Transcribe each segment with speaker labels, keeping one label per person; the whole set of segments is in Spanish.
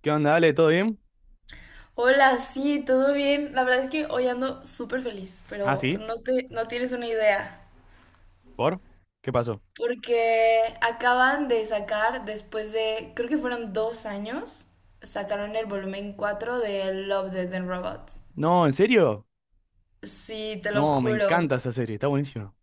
Speaker 1: ¿Qué onda, Ale? ¿Todo bien?
Speaker 2: Hola, sí, todo bien. La verdad es que hoy ando súper feliz,
Speaker 1: Ah,
Speaker 2: pero
Speaker 1: sí.
Speaker 2: no tienes una idea.
Speaker 1: ¿Por? ¿Qué pasó?
Speaker 2: Porque acaban de sacar, después de, creo que fueron dos años, sacaron el volumen 4 de Love, Death and Robots.
Speaker 1: No, ¿en serio?
Speaker 2: Sí, te lo
Speaker 1: No, me
Speaker 2: juro.
Speaker 1: encanta esa serie, está buenísima.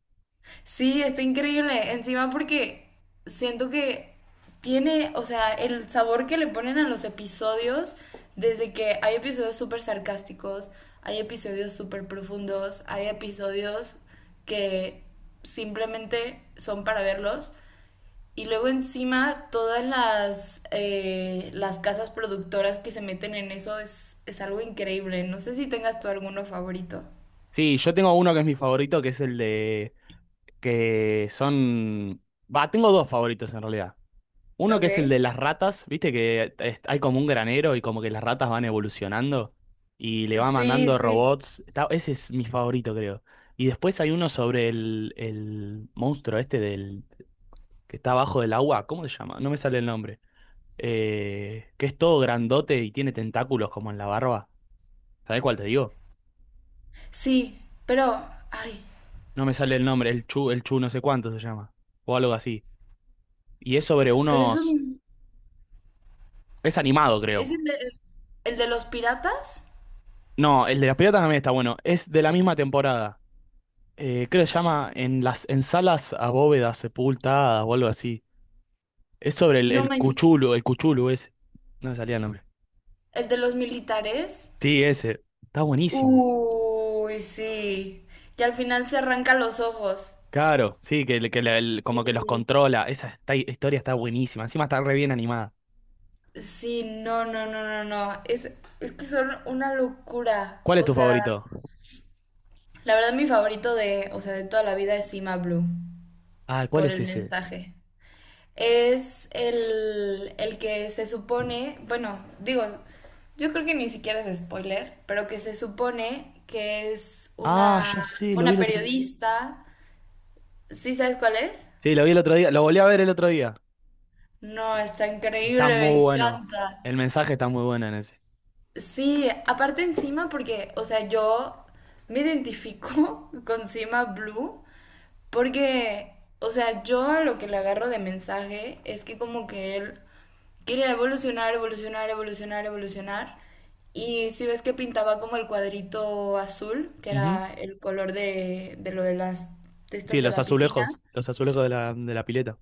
Speaker 2: Sí, está increíble. Encima porque siento que tiene, o sea, el sabor que le ponen a los episodios, desde que hay episodios súper sarcásticos, hay episodios súper profundos, hay episodios que simplemente son para verlos. Y luego encima todas las casas productoras que se meten en eso es algo increíble. No sé si tengas tú alguno favorito.
Speaker 1: Sí, yo tengo uno que es mi favorito, que es el de... que son... Va, tengo dos favoritos en realidad. Uno que es el
Speaker 2: Ok.
Speaker 1: de las ratas, viste que hay como un granero y como que las ratas van evolucionando y le va
Speaker 2: Sí,
Speaker 1: mandando
Speaker 2: sí.
Speaker 1: robots. Ese es mi favorito, creo. Y después hay uno sobre el monstruo este del... que está abajo del agua. ¿Cómo se llama? No me sale el nombre. Que es todo grandote y tiene tentáculos como en la barba. ¿Sabés cuál te digo?
Speaker 2: Sí, pero, ay,
Speaker 1: No me sale el nombre, el Chu no sé cuánto se llama, o algo así. Y es sobre
Speaker 2: pero
Speaker 1: unos... Es animado,
Speaker 2: es
Speaker 1: creo.
Speaker 2: el de los piratas,
Speaker 1: No, el de las piratas también está bueno. Es de la misma temporada. Creo que se llama En las en salas a bóvedas sepultadas o algo así. Es sobre el,
Speaker 2: no
Speaker 1: el
Speaker 2: manches,
Speaker 1: Cuchulu, el Cuchulu ese. No me salía el nombre.
Speaker 2: el de los militares.
Speaker 1: Sí, ese. Está buenísimo.
Speaker 2: Uy, sí, que al final se arranca los ojos.
Speaker 1: Claro, sí, que, como que los
Speaker 2: Sí,
Speaker 1: controla. Historia está buenísima. Encima está re bien animada.
Speaker 2: sí, no, no, no, no, no, es que son una locura.
Speaker 1: ¿Cuál es
Speaker 2: O
Speaker 1: tu
Speaker 2: sea,
Speaker 1: favorito?
Speaker 2: la verdad mi favorito de, o sea, de toda la vida es Cima Blue,
Speaker 1: Ah, ¿cuál
Speaker 2: por
Speaker 1: es
Speaker 2: el
Speaker 1: ese?
Speaker 2: mensaje. Es el que se supone, bueno, digo, yo creo que ni siquiera es spoiler, pero que se supone que
Speaker 1: Ah, ya sé, lo vi
Speaker 2: una
Speaker 1: el otro día.
Speaker 2: periodista. ¿Sí sabes cuál es?
Speaker 1: Sí, lo vi el otro día, lo volví a ver el otro día.
Speaker 2: No, está
Speaker 1: Está
Speaker 2: increíble, me
Speaker 1: muy bueno.
Speaker 2: encanta.
Speaker 1: El mensaje está muy bueno en ese.
Speaker 2: Sí, aparte encima porque, o sea, yo me identifico con Cima Blue porque, o sea, yo a lo que le agarro de mensaje es que como que él quería evolucionar, evolucionar, evolucionar, evolucionar. Y si ves que pintaba como el cuadrito azul, que
Speaker 1: Ujú.
Speaker 2: era el color de lo de las
Speaker 1: Sí,
Speaker 2: testas de la piscina.
Speaker 1: los azulejos de la pileta.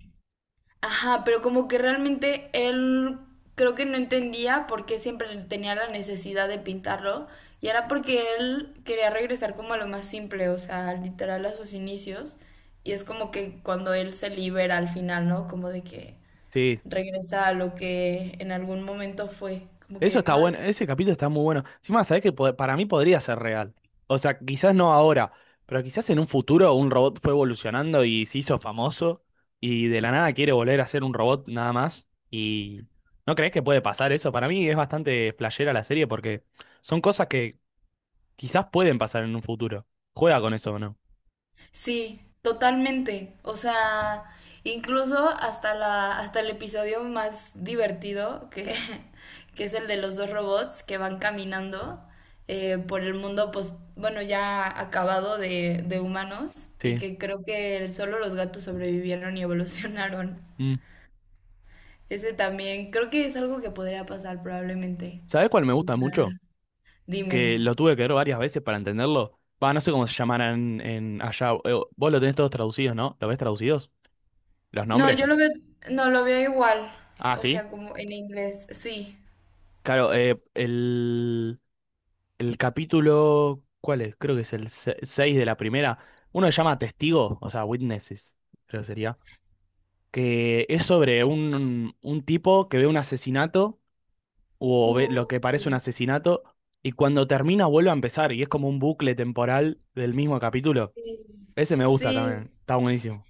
Speaker 2: Ajá, pero como que realmente él creo que no entendía por qué siempre tenía la necesidad de pintarlo. Y era porque él quería regresar como a lo más simple, o sea, literal a sus inicios. Y es como que cuando él se libera al final, ¿no? Como de que
Speaker 1: Sí,
Speaker 2: regresar a lo que en algún momento fue. Como
Speaker 1: eso
Speaker 2: que,
Speaker 1: está
Speaker 2: ay,
Speaker 1: bueno, ese capítulo está muy bueno. Encima, sabés que para mí podría ser real. O sea, quizás no ahora, pero quizás en un futuro un robot fue evolucionando y se hizo famoso y de la nada quiere volver a ser un robot nada más. ¿Y no crees que puede pasar eso? Para mí es bastante flashera la serie porque son cosas que quizás pueden pasar en un futuro. Juega con eso o no.
Speaker 2: sí, totalmente. O sea, incluso hasta el episodio más divertido, que, que es el de los dos robots que van caminando por el mundo, pues, bueno, ya acabado de humanos, y
Speaker 1: Sí.
Speaker 2: que creo que solo los gatos sobrevivieron y evolucionaron.
Speaker 1: Mm.
Speaker 2: Ese también, creo que es algo que podría pasar probablemente.
Speaker 1: ¿Sabés cuál me gusta mucho?
Speaker 2: Dime.
Speaker 1: Que lo tuve que ver varias veces para entenderlo. Va, no sé cómo se llamarán en allá. Vos lo tenés todos traducidos, ¿no? ¿Lo ves traducidos? ¿Los
Speaker 2: No, yo
Speaker 1: nombres?
Speaker 2: lo veo, no lo veo igual,
Speaker 1: Ah,
Speaker 2: o
Speaker 1: sí.
Speaker 2: sea, como en inglés, sí.
Speaker 1: Claro, el capítulo, ¿cuál es? Creo que es el 6 de la primera. Uno se llama Testigo, o sea, Witnesses, creo que sería. Que es sobre un tipo que ve un asesinato, o ve lo que parece un
Speaker 2: Uy,
Speaker 1: asesinato, y cuando termina vuelve a empezar, y es como un bucle temporal del mismo capítulo.
Speaker 2: sí.
Speaker 1: Ese me gusta
Speaker 2: Sí.
Speaker 1: también, está buenísimo.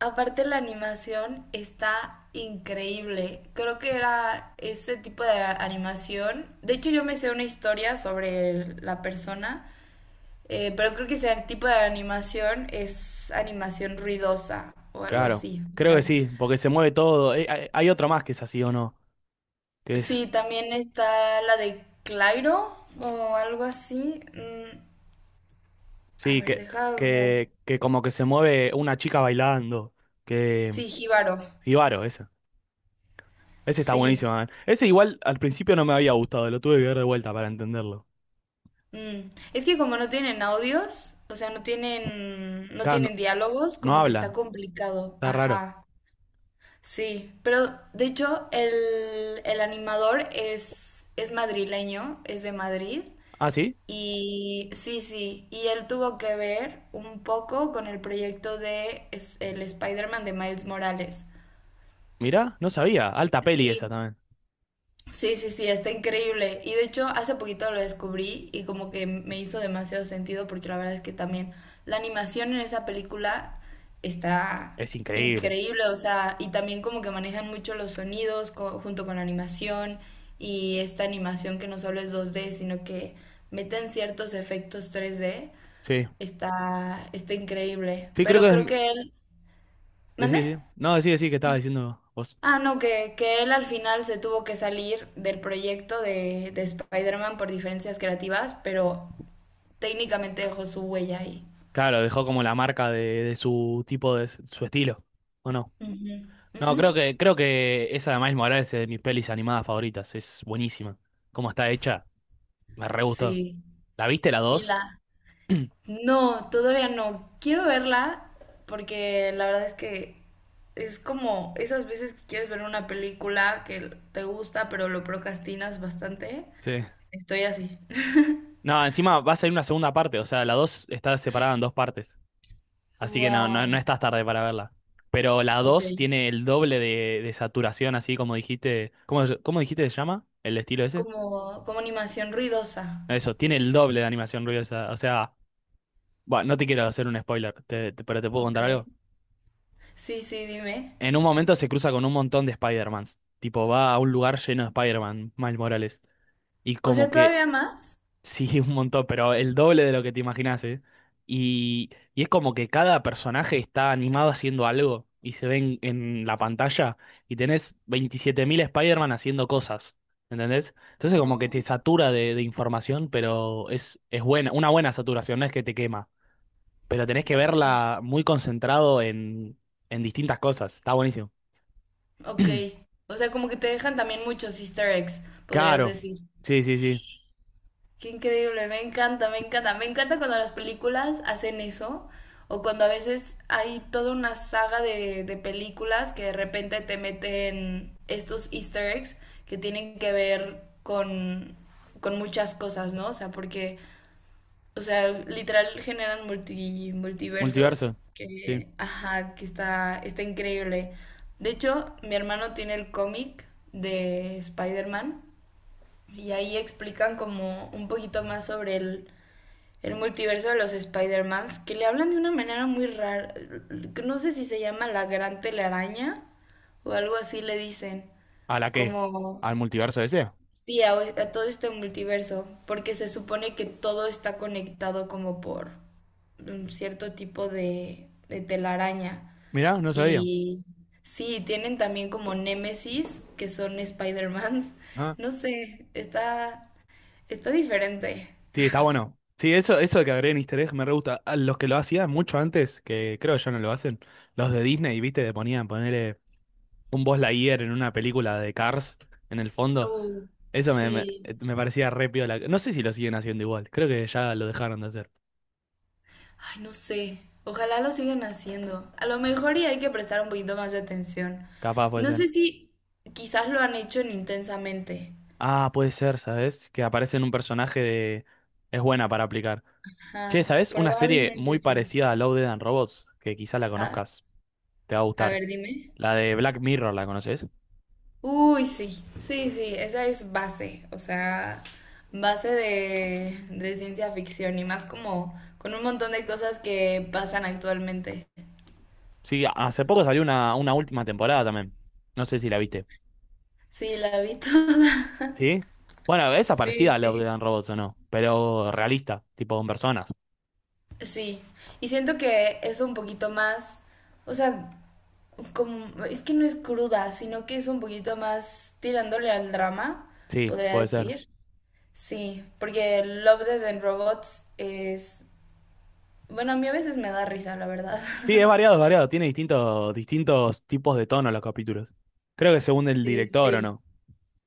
Speaker 2: Aparte la animación está increíble. Creo que era ese tipo de animación. De hecho, yo me sé una historia sobre la persona, pero creo que ese tipo de animación es animación ruidosa o algo
Speaker 1: Claro,
Speaker 2: así. O
Speaker 1: creo
Speaker 2: sea,
Speaker 1: que sí, porque se mueve todo. Hay otro más que es así o no, que es
Speaker 2: sí, también está la de Clairo o algo así. A
Speaker 1: sí,
Speaker 2: ver, deja ver.
Speaker 1: que como que se mueve una chica bailando. Que.
Speaker 2: Sí, Jíbaro.
Speaker 1: Ibaro, ese. Ese está buenísimo,
Speaker 2: Sí.
Speaker 1: man. Ese igual al principio no me había gustado, lo tuve que ver de vuelta para entenderlo.
Speaker 2: Es que como no tienen audios, o sea, no
Speaker 1: Claro, no,
Speaker 2: tienen diálogos,
Speaker 1: no
Speaker 2: como que está
Speaker 1: hablan,
Speaker 2: complicado.
Speaker 1: está raro.
Speaker 2: Ajá. Sí. Pero de hecho, el animador es madrileño, es de Madrid.
Speaker 1: Ah, sí,
Speaker 2: Y sí, sí. Y él tuvo que ver un poco con el proyecto de es- el Spider-Man de Miles Morales.
Speaker 1: mirá, no sabía. Alta peli esa
Speaker 2: Sí.
Speaker 1: también.
Speaker 2: Sí, sí, sí, está increíble. Y de hecho, hace poquito lo descubrí y como que me hizo demasiado sentido porque la verdad es que también la animación en esa película está
Speaker 1: Es increíble.
Speaker 2: increíble, o sea, y también como que manejan mucho los sonidos co- junto con la animación y esta animación que no solo es 2D, sino que meten ciertos efectos 3D,
Speaker 1: Sí.
Speaker 2: está, está increíble.
Speaker 1: Sí, creo
Speaker 2: Pero
Speaker 1: que es.
Speaker 2: creo que él...
Speaker 1: Decí,
Speaker 2: ¿Mandé?
Speaker 1: decí. No, decí, decí que estaba diciendo vos.
Speaker 2: Ah, no, que él al final se tuvo que salir del proyecto de Spider-Man por diferencias creativas, pero técnicamente dejó su huella ahí.
Speaker 1: Claro, dejó como la marca de su tipo de su estilo. ¿O no?
Speaker 2: Ujú,
Speaker 1: No,
Speaker 2: ujú.
Speaker 1: creo que esa de Miles Morales es de mis pelis animadas favoritas. Es buenísima. ¿Cómo está hecha? Me re gustó.
Speaker 2: Sí.
Speaker 1: ¿La viste la
Speaker 2: Y
Speaker 1: 2
Speaker 2: la... No, todavía no. Quiero verla porque la verdad es que es como esas veces que quieres ver una película que te gusta, pero lo procrastinas bastante.
Speaker 1: sí.
Speaker 2: Estoy así.
Speaker 1: No, encima va a salir una segunda parte, o sea, la 2 está separada en dos partes, así que no, no, no
Speaker 2: Wow.
Speaker 1: estás tarde para verla. Pero la
Speaker 2: Ok.
Speaker 1: 2 tiene el doble de saturación, así como dijiste, ¿cómo dijiste que se llama? ¿El estilo ese?
Speaker 2: Como, como animación ruidosa.
Speaker 1: Eso, tiene el doble de animación ruidosa, o sea, bueno, no te quiero hacer un spoiler, pero te puedo
Speaker 2: Ok.
Speaker 1: contar algo.
Speaker 2: Sí, sí, dime.
Speaker 1: En un momento se cruza con un montón de Spider-Mans, tipo va a un lugar lleno de Spider-Man, Miles Morales, y
Speaker 2: O
Speaker 1: como
Speaker 2: sea,
Speaker 1: que
Speaker 2: ¿todavía más?
Speaker 1: sí, un montón, pero el doble de lo que te imaginas, ¿eh? Y es como que cada personaje está animado haciendo algo y se ven en la pantalla y tenés 27.000 Spider-Man haciendo cosas, ¿entendés? Entonces como que
Speaker 2: No.
Speaker 1: te satura de información, pero es buena, una buena saturación, no es que te quema, pero tenés que
Speaker 2: Ok.
Speaker 1: verla muy concentrado en distintas cosas, está buenísimo.
Speaker 2: Ok. O sea, como que te dejan también muchos easter eggs, podrías
Speaker 1: Claro,
Speaker 2: decir.
Speaker 1: sí, sí, sí,
Speaker 2: Qué increíble, me encanta, me encanta. Me encanta cuando las películas hacen eso, o cuando a veces hay toda una saga de películas que de repente te meten estos easter eggs que tienen que ver con muchas cosas, ¿no? O sea, porque o sea, literal generan multi- multiversos
Speaker 1: multiverso, sí.
Speaker 2: que, ajá, que está, está increíble. De hecho, mi hermano tiene el cómic de Spider-Man y ahí explican como un poquito más sobre el multiverso de los Spider-Mans, que le hablan de una manera muy rara. No sé si se llama la gran telaraña o algo así le dicen.
Speaker 1: ¿A la qué?
Speaker 2: Como
Speaker 1: ¿Al multiverso ese?
Speaker 2: sí, a todo este multiverso, porque se supone que todo está conectado como por un cierto tipo de telaraña.
Speaker 1: Mirá, no sabía.
Speaker 2: Y sí, tienen también como némesis, que son Spider-Mans.
Speaker 1: Ah.
Speaker 2: No sé, está, está diferente.
Speaker 1: Sí, está bueno. Sí, eso de que agreguen easter egg me re gusta. A los que lo hacían mucho antes, que creo que ya no lo hacen, los de Disney, ¿viste? Que ponían ponerle un Buzz Lightyear en una película de Cars en el fondo.
Speaker 2: Uh, sí.
Speaker 1: Me parecía re piola. No sé si lo siguen haciendo igual. Creo que ya lo dejaron de hacer.
Speaker 2: Ay, no sé. Ojalá lo sigan haciendo. A lo mejor y hay que prestar un poquito más de atención.
Speaker 1: Capaz puede
Speaker 2: No
Speaker 1: ser.
Speaker 2: sé si quizás lo han hecho en intensamente.
Speaker 1: Ah, puede ser, ¿sabes? Que aparece en un personaje de... Es buena para aplicar. Che,
Speaker 2: Ajá,
Speaker 1: ¿sabes? Una serie
Speaker 2: probablemente
Speaker 1: muy
Speaker 2: sí.
Speaker 1: parecida a Love, Dead and Robots, que quizá la
Speaker 2: Ah,
Speaker 1: conozcas. Te va a
Speaker 2: a
Speaker 1: gustar.
Speaker 2: ver, dime.
Speaker 1: La de Black Mirror, ¿la conoces?
Speaker 2: Uy, sí, sí, sí, esa es base, o sea, base de ciencia ficción y más como con un montón de cosas que pasan actualmente.
Speaker 1: Sí, hace poco salió una última temporada también. No sé si la viste.
Speaker 2: Sí, la vi toda.
Speaker 1: ¿Sí? Bueno, esa es
Speaker 2: Sí,
Speaker 1: parecida a Love,
Speaker 2: sí,
Speaker 1: Death and Robots o no, pero realista, tipo con personas.
Speaker 2: sí. Y siento que es un poquito más, o sea, como, es que no es cruda, sino que es un poquito más tirándole al drama,
Speaker 1: Sí,
Speaker 2: podría
Speaker 1: puede ser.
Speaker 2: decir. Sí, porque Love, Death and Robots es... Bueno, a mí a veces me da risa, la verdad.
Speaker 1: Sí, es variado, es variado. Tiene distintos, distintos tipos de tono los capítulos. Creo que según el
Speaker 2: Sí,
Speaker 1: director o
Speaker 2: sí.
Speaker 1: no.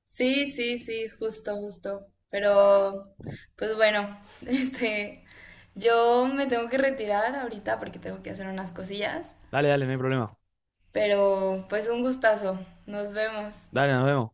Speaker 2: Sí, sí, sí, justo, justo. Pero, pues bueno, este... Yo me tengo que retirar ahorita porque tengo que hacer unas cosillas.
Speaker 1: Dale, dale, no hay problema.
Speaker 2: Pero, pues un gustazo. Nos vemos.
Speaker 1: Dale, nos vemos.